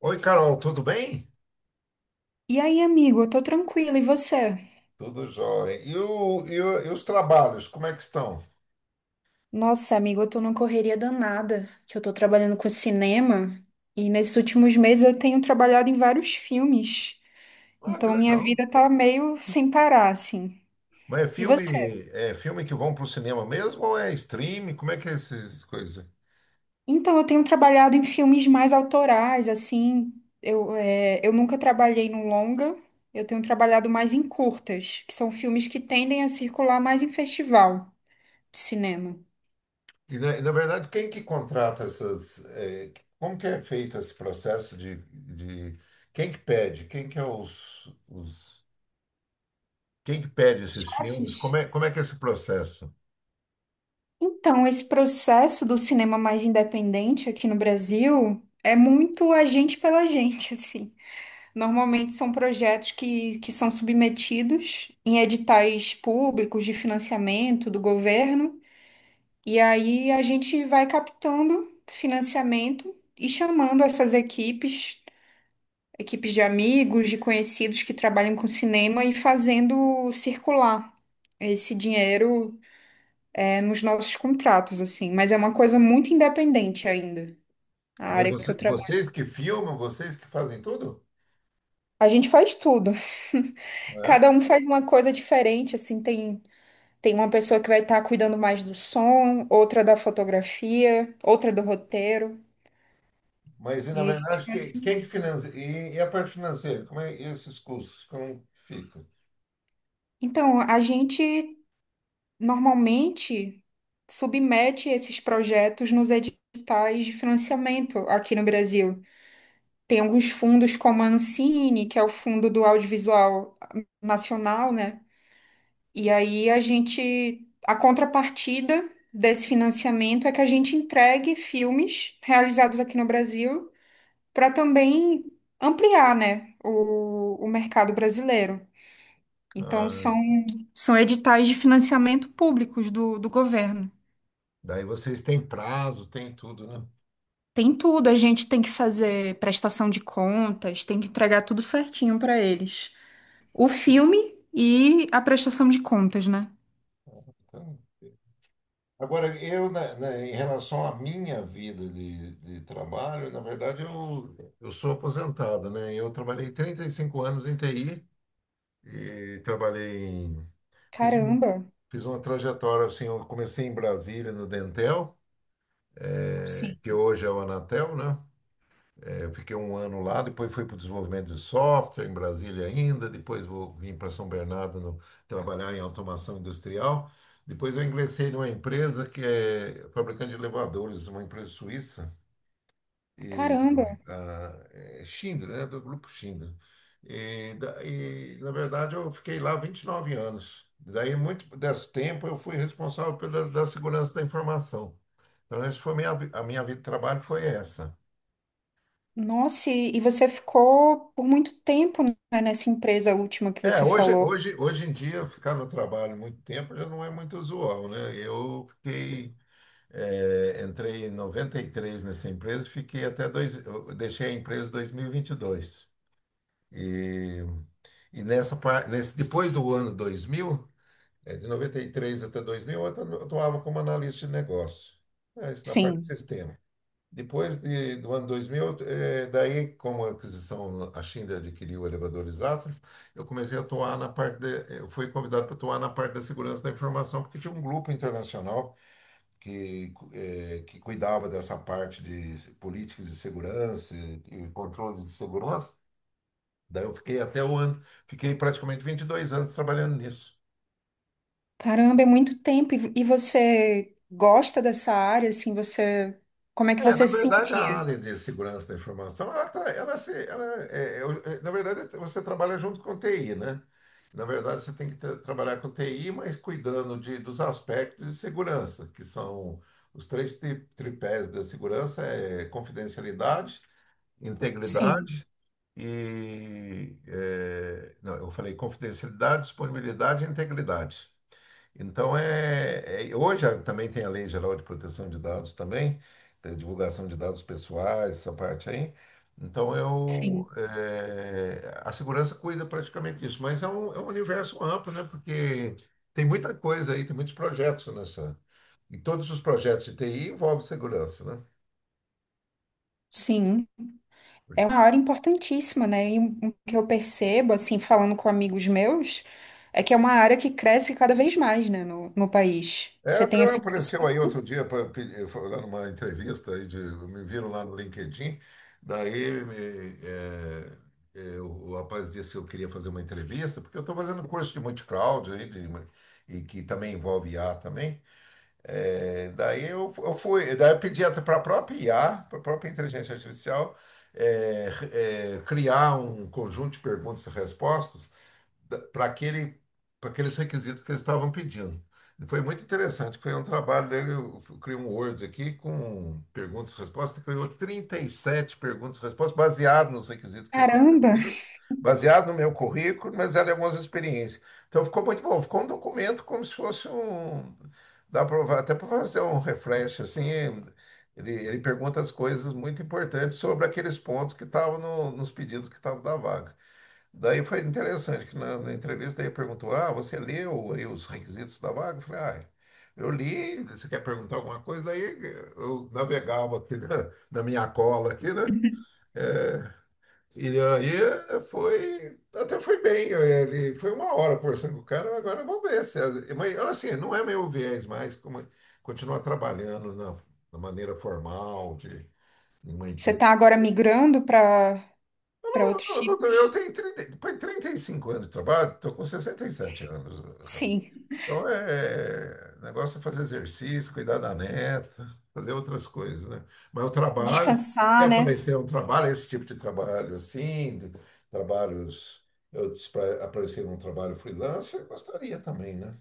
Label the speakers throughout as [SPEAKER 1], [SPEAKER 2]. [SPEAKER 1] Oi, Carol, tudo bem?
[SPEAKER 2] E aí, amigo, eu tô tranquila, e você?
[SPEAKER 1] Tudo jóia. E, e os trabalhos, como é que estão?
[SPEAKER 2] Nossa, amigo, eu tô numa correria danada, que eu tô trabalhando com cinema, e nesses últimos meses eu tenho trabalhado em vários filmes,
[SPEAKER 1] Ah,
[SPEAKER 2] então
[SPEAKER 1] que
[SPEAKER 2] minha
[SPEAKER 1] legal.
[SPEAKER 2] vida tá meio sem parar, assim.
[SPEAKER 1] Mas
[SPEAKER 2] E você?
[SPEAKER 1] é filme que vão para o cinema mesmo ou é streaming? Como é que é essas coisas?
[SPEAKER 2] Então, eu tenho trabalhado em filmes mais autorais, assim, eu nunca trabalhei no longa, eu tenho trabalhado mais em curtas, que são filmes que tendem a circular mais em festival de cinema.
[SPEAKER 1] Na verdade, quem que contrata essas. Como que é feito esse processo de. Quem que pede? Quem que é os. Quem que pede esses filmes? Como
[SPEAKER 2] Afins.
[SPEAKER 1] é, como é que é esse processo?
[SPEAKER 2] Então, esse processo do cinema mais independente aqui no Brasil é muito a gente pela gente, assim. Normalmente são projetos que são submetidos em editais públicos de financiamento do governo, e aí a gente vai captando financiamento e chamando essas equipes, equipes de amigos, de conhecidos que trabalham com cinema e fazendo circular esse dinheiro é nos nossos contratos, assim, mas é uma coisa muito independente ainda, a
[SPEAKER 1] Mas
[SPEAKER 2] área que
[SPEAKER 1] você-
[SPEAKER 2] eu trabalho.
[SPEAKER 1] vocês que filmam, vocês que fazem tudo?
[SPEAKER 2] A gente faz tudo. Cada um faz uma coisa diferente, assim, tem, tem uma pessoa que vai estar cuidando mais do som, outra da fotografia, outra do roteiro.
[SPEAKER 1] Na
[SPEAKER 2] E a gente
[SPEAKER 1] verdade,
[SPEAKER 2] faz...
[SPEAKER 1] quem que financia? E a parte financeira? Como é e esses custos? Como que fica?
[SPEAKER 2] Então, a gente normalmente submete esses projetos nos editais de financiamento aqui no Brasil. Tem alguns fundos como a Ancine, que é o Fundo do Audiovisual Nacional, né? E aí a gente, a contrapartida desse financiamento é que a gente entregue filmes realizados aqui no Brasil para também ampliar, né, o mercado brasileiro. Então
[SPEAKER 1] Ah,
[SPEAKER 2] são, são editais de financiamento públicos do governo.
[SPEAKER 1] daí vocês têm prazo, tem tudo, né?
[SPEAKER 2] Tem tudo, a gente tem que fazer prestação de contas, tem que entregar tudo certinho para eles. O filme e a prestação de contas, né?
[SPEAKER 1] Então, agora, em relação à minha vida de trabalho, na verdade, eu sou aposentado, né? Eu trabalhei 35 anos em TI e trabalhei em... Fiz, um-
[SPEAKER 2] Caramba,
[SPEAKER 1] Fiz uma trajetória, assim, eu comecei em Brasília, no Dentel,
[SPEAKER 2] sim.
[SPEAKER 1] que hoje é o Anatel, né? Eu fiquei um ano lá, depois fui para o desenvolvimento de software em Brasília ainda, depois vou vim para São Bernardo. Trabalhar em automação industrial. Depois eu ingressei numa empresa que é fabricante de elevadores, uma empresa suíça, e,
[SPEAKER 2] Caramba,
[SPEAKER 1] ah, é Schindler, né, do grupo Schindler. E, na verdade, eu fiquei lá 29 anos. Daí, muito desse tempo, eu fui responsável pela da segurança da informação. Então, essa foi a minha vida de trabalho foi essa.
[SPEAKER 2] nossa, e você ficou por muito tempo, né, nessa empresa última que
[SPEAKER 1] É,
[SPEAKER 2] você falou.
[SPEAKER 1] hoje em dia, ficar no trabalho muito tempo já não é muito usual, né? Eu fiquei, entrei em 93 nessa empresa, fiquei até eu deixei a empresa em dois mil e vinte e dois. E depois do ano 2000, de 93 até 2000, eu atuava como analista de negócio, mas na parte de
[SPEAKER 2] Sim.
[SPEAKER 1] sistema. Depois do ano 2000, daí, como a aquisição, a Schindler adquiriu elevadores Atlas, eu comecei a atuar eu fui convidado para atuar na parte da segurança da informação, porque tinha um grupo internacional que, que cuidava dessa parte de políticas de segurança e controle de segurança. Daí eu fiquei até fiquei praticamente 22 anos trabalhando nisso.
[SPEAKER 2] Caramba, é muito tempo. E você gosta dessa área, assim, você, como é que
[SPEAKER 1] É, na
[SPEAKER 2] você se
[SPEAKER 1] verdade, a
[SPEAKER 2] sentia?
[SPEAKER 1] área de segurança da informação, ela tá, ela se, ela é, é, eu- é, na verdade, você trabalha junto com TI, né? Na verdade, você tem que trabalhar com TI, mas cuidando dos aspectos de segurança, que são os três tripés da segurança, é confidencialidade,
[SPEAKER 2] Sim,
[SPEAKER 1] integridade e... é, não, eu falei confidencialidade, disponibilidade e integridade. Então, hoje também tem a Lei Geral de Proteção de Dados também, tem a divulgação de dados pessoais, essa parte aí. Então,
[SPEAKER 2] sim,
[SPEAKER 1] a segurança cuida praticamente disso, mas é um universo amplo, né? Porque tem muita coisa aí, tem muitos projetos nessa. E todos os projetos de TI envolvem segurança, né?
[SPEAKER 2] sim. É uma área importantíssima, né? E o que eu percebo, assim, falando com amigos meus, é que é uma área que cresce cada vez mais, né, no, no país.
[SPEAKER 1] É,
[SPEAKER 2] Você tem
[SPEAKER 1] até
[SPEAKER 2] essa
[SPEAKER 1] apareceu
[SPEAKER 2] impressão?
[SPEAKER 1] aí outro dia foi lá numa entrevista aí de, me viram lá no LinkedIn, daí me, é, é, o rapaz disse que eu queria fazer uma entrevista, porque eu estou fazendo curso de multi-cloud e que também envolve IA também. É, eu fui, daí eu pedi até para a própria IA, para a própria inteligência artificial, criar um conjunto de perguntas e respostas para aquele, para aqueles requisitos que eles estavam pedindo. E foi muito interessante. Foi um trabalho dele. Eu criei um Word aqui com perguntas e respostas. Criou 37 perguntas e respostas, baseado nos requisitos que eles estavam
[SPEAKER 2] Caramba!
[SPEAKER 1] pedindo, baseado no meu currículo, mas eram algumas experiências. Então ficou muito bom. Ficou um documento como se fosse um. Dá até para fazer um refresh, assim. Ele pergunta as coisas muito importantes sobre aqueles pontos que estavam nos pedidos que estavam da vaga. Daí foi interessante que na entrevista ele perguntou: Ah, você leu aí os requisitos da vaga? Eu falei: Ah, eu li. Você quer perguntar alguma coisa? Daí eu navegava aqui na minha cola aqui, né? É, e aí foi, até foi bem. Ele foi uma hora conversando com o cara. Agora vamos ver se, mas olha assim, não é meu viés mais, como continuar trabalhando na maneira formal de em uma
[SPEAKER 2] Você
[SPEAKER 1] empresa.
[SPEAKER 2] está agora migrando para para outros
[SPEAKER 1] Eu
[SPEAKER 2] tipos?
[SPEAKER 1] tenho 30 depois de 35 anos de trabalho, estou com 67 anos, cara.
[SPEAKER 2] Sim.
[SPEAKER 1] Então, é, o negócio é fazer exercício, cuidar da neta, fazer outras coisas, né? Mas o trabalho, se
[SPEAKER 2] Descansar, né?
[SPEAKER 1] aparecer um trabalho, esse tipo de trabalho assim, de trabalhos, eu, se pra- aparecer um trabalho freelancer, eu gostaria também, né?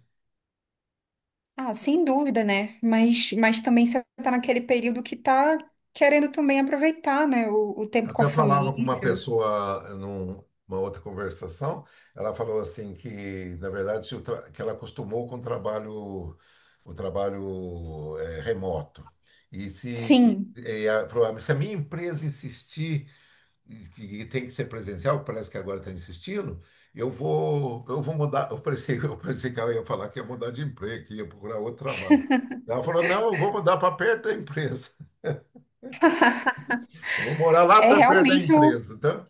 [SPEAKER 2] Ah, sem dúvida, né? Mas também você está naquele período que está querendo também aproveitar, né? O
[SPEAKER 1] Eu
[SPEAKER 2] tempo com a
[SPEAKER 1] até falava com uma
[SPEAKER 2] família.
[SPEAKER 1] pessoa numa outra conversação, ela falou assim que, na verdade, se o tra- que ela acostumou com o trabalho remoto. E se
[SPEAKER 2] Sim.
[SPEAKER 1] ela falou, "Ah, se a minha empresa insistir e que tem que ser presencial, parece que agora está insistindo, eu vou mudar. Eu pensei, eu pensei que ela ia falar que ia mudar de emprego, que ia procurar outro trabalho. Ela falou, não, eu vou mudar para perto da empresa. Eu vou morar lá
[SPEAKER 2] É
[SPEAKER 1] para perto da
[SPEAKER 2] realmente um.
[SPEAKER 1] empresa. Então,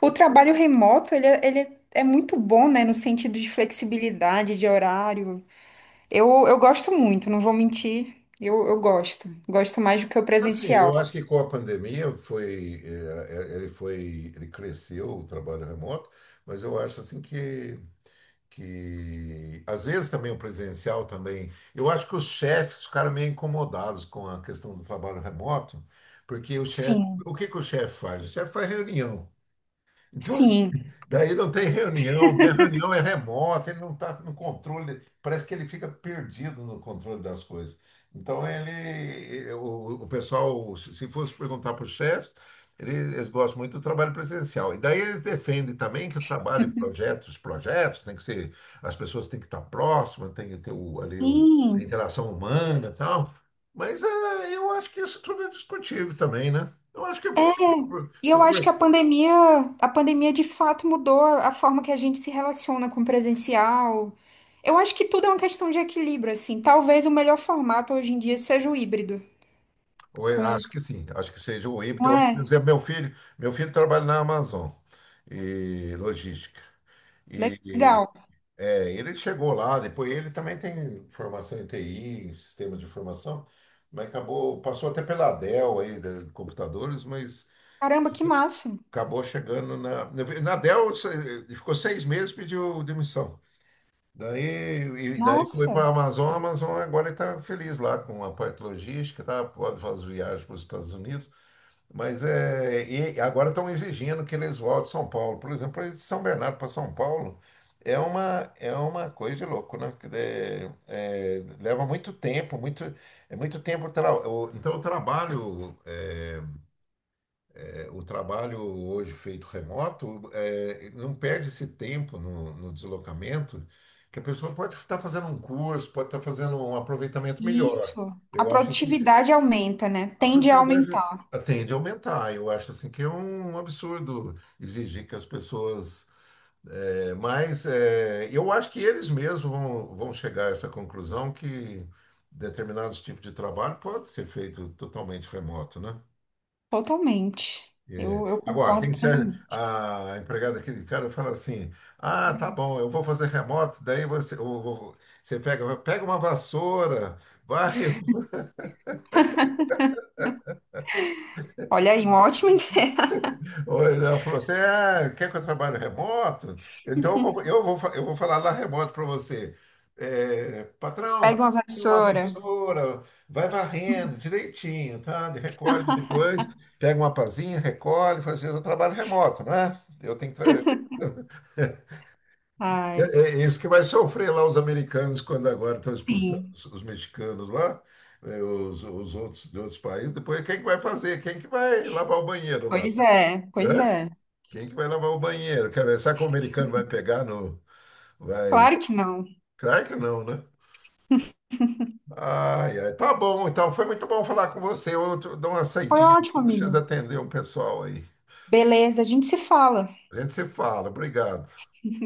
[SPEAKER 2] O trabalho remoto, ele, é- ele é muito bom, né? No sentido de flexibilidade, de horário. Eu gosto muito, não vou mentir. Eu gosto. Gosto mais do que o
[SPEAKER 1] assim, eu
[SPEAKER 2] presencial.
[SPEAKER 1] acho que com a pandemia foi, eh, ele foi, ele cresceu o trabalho remoto, mas eu acho assim que às vezes também o presencial também, eu acho que os chefes ficaram meio incomodados com a questão do trabalho remoto, porque o chefe,
[SPEAKER 2] Sim.
[SPEAKER 1] o que que o chefe faz? O chefe faz reunião. Então,
[SPEAKER 2] Sim.
[SPEAKER 1] daí não tem reunião, né? A reunião é remota, ele não está no controle, parece que ele fica perdido no controle das coisas. Então, o pessoal, se fosse perguntar para os chefes, eles gostam muito do trabalho presencial. E daí eles defendem também que o trabalho em projetos, tem que ser, as pessoas têm que estar próximas, tem que ter a
[SPEAKER 2] Sim.
[SPEAKER 1] interação humana e tal. Mas eu acho que isso tudo é discutível também, né? Eu acho que é porque
[SPEAKER 2] E
[SPEAKER 1] estou
[SPEAKER 2] eu acho que a pandemia de fato mudou a forma que a gente se relaciona com o presencial. Eu acho que tudo é uma questão de equilíbrio, assim. Talvez o melhor formato hoje em dia seja o híbrido. Com...
[SPEAKER 1] Acho que sim, acho que seja o híbrido.
[SPEAKER 2] Não
[SPEAKER 1] Por
[SPEAKER 2] é?
[SPEAKER 1] exemplo, meu filho trabalha na Amazon e logística. E
[SPEAKER 2] Legal.
[SPEAKER 1] é, ele chegou lá, depois ele também tem formação em TI, em sistema de informação, mas acabou, passou até pela Dell aí, de computadores, mas
[SPEAKER 2] Caramba, que massa.
[SPEAKER 1] acabou chegando na. Na Dell ele ficou seis meses, pediu demissão. Daí, e daí foi
[SPEAKER 2] Nossa.
[SPEAKER 1] para a Amazon agora está feliz lá com a parte logística, tá? Pode fazer viagens para os Estados Unidos. Mas é, e agora estão exigindo que eles voltem a São Paulo. Por exemplo, eles de São Bernardo para São Paulo é uma coisa de louco, né? Que é, leva muito tempo, muito, é muito tempo. Então, o trabalho, o trabalho hoje feito remoto, é, não perde esse tempo no deslocamento, que a pessoa pode estar fazendo um curso, pode estar fazendo um aproveitamento
[SPEAKER 2] Isso.
[SPEAKER 1] melhor.
[SPEAKER 2] A
[SPEAKER 1] Eu acho assim,
[SPEAKER 2] produtividade aumenta, né?
[SPEAKER 1] a
[SPEAKER 2] Tende a
[SPEAKER 1] produtividade
[SPEAKER 2] aumentar
[SPEAKER 1] tende a aumentar. Eu acho assim que é um absurdo exigir que as pessoas. É, mas é, eu acho que eles mesmos vão, vão chegar a essa conclusão que determinados tipos de trabalho pode ser feito totalmente remoto, né?
[SPEAKER 2] totalmente.
[SPEAKER 1] É,
[SPEAKER 2] Eu
[SPEAKER 1] agora,
[SPEAKER 2] concordo
[SPEAKER 1] tem que
[SPEAKER 2] plenamente.
[SPEAKER 1] a empregada aqui de cara fala assim: Ah, tá bom, eu vou fazer remoto, daí você, você pega, pega uma vassoura, varre
[SPEAKER 2] Olha aí, um ótimo.
[SPEAKER 1] Ou ela falou assim: ah, quer que eu trabalhe remoto? Então eu vou falar lá remoto para você. É, patrão,
[SPEAKER 2] Pega uma
[SPEAKER 1] tem uma
[SPEAKER 2] vassoura.
[SPEAKER 1] vassoura, vai varrendo direitinho, tá? Recolhe depois, pega uma pazinha, recolhe. Fala assim: eu trabalho remoto, né? Eu tenho que. É,
[SPEAKER 2] Ai,
[SPEAKER 1] é isso que vai sofrer lá os americanos quando agora estão expulsando
[SPEAKER 2] sim.
[SPEAKER 1] os mexicanos lá, é, os outros de outros países. Depois, quem que vai fazer? Quem que vai lavar o banheiro lá?
[SPEAKER 2] Pois é, pois
[SPEAKER 1] Né?
[SPEAKER 2] é.
[SPEAKER 1] Quem que vai lavar o banheiro? Quer ver? Será que o americano vai pegar no. Vai.
[SPEAKER 2] Claro que não.
[SPEAKER 1] Claro que não, né? Ai, ai. Tá bom, então. Foi muito bom falar com você. Eu dou uma
[SPEAKER 2] Foi
[SPEAKER 1] saidinha.
[SPEAKER 2] ótimo, amigo.
[SPEAKER 1] Preciso atender um pessoal aí.
[SPEAKER 2] Beleza, a gente se fala.
[SPEAKER 1] A gente se fala. Obrigado.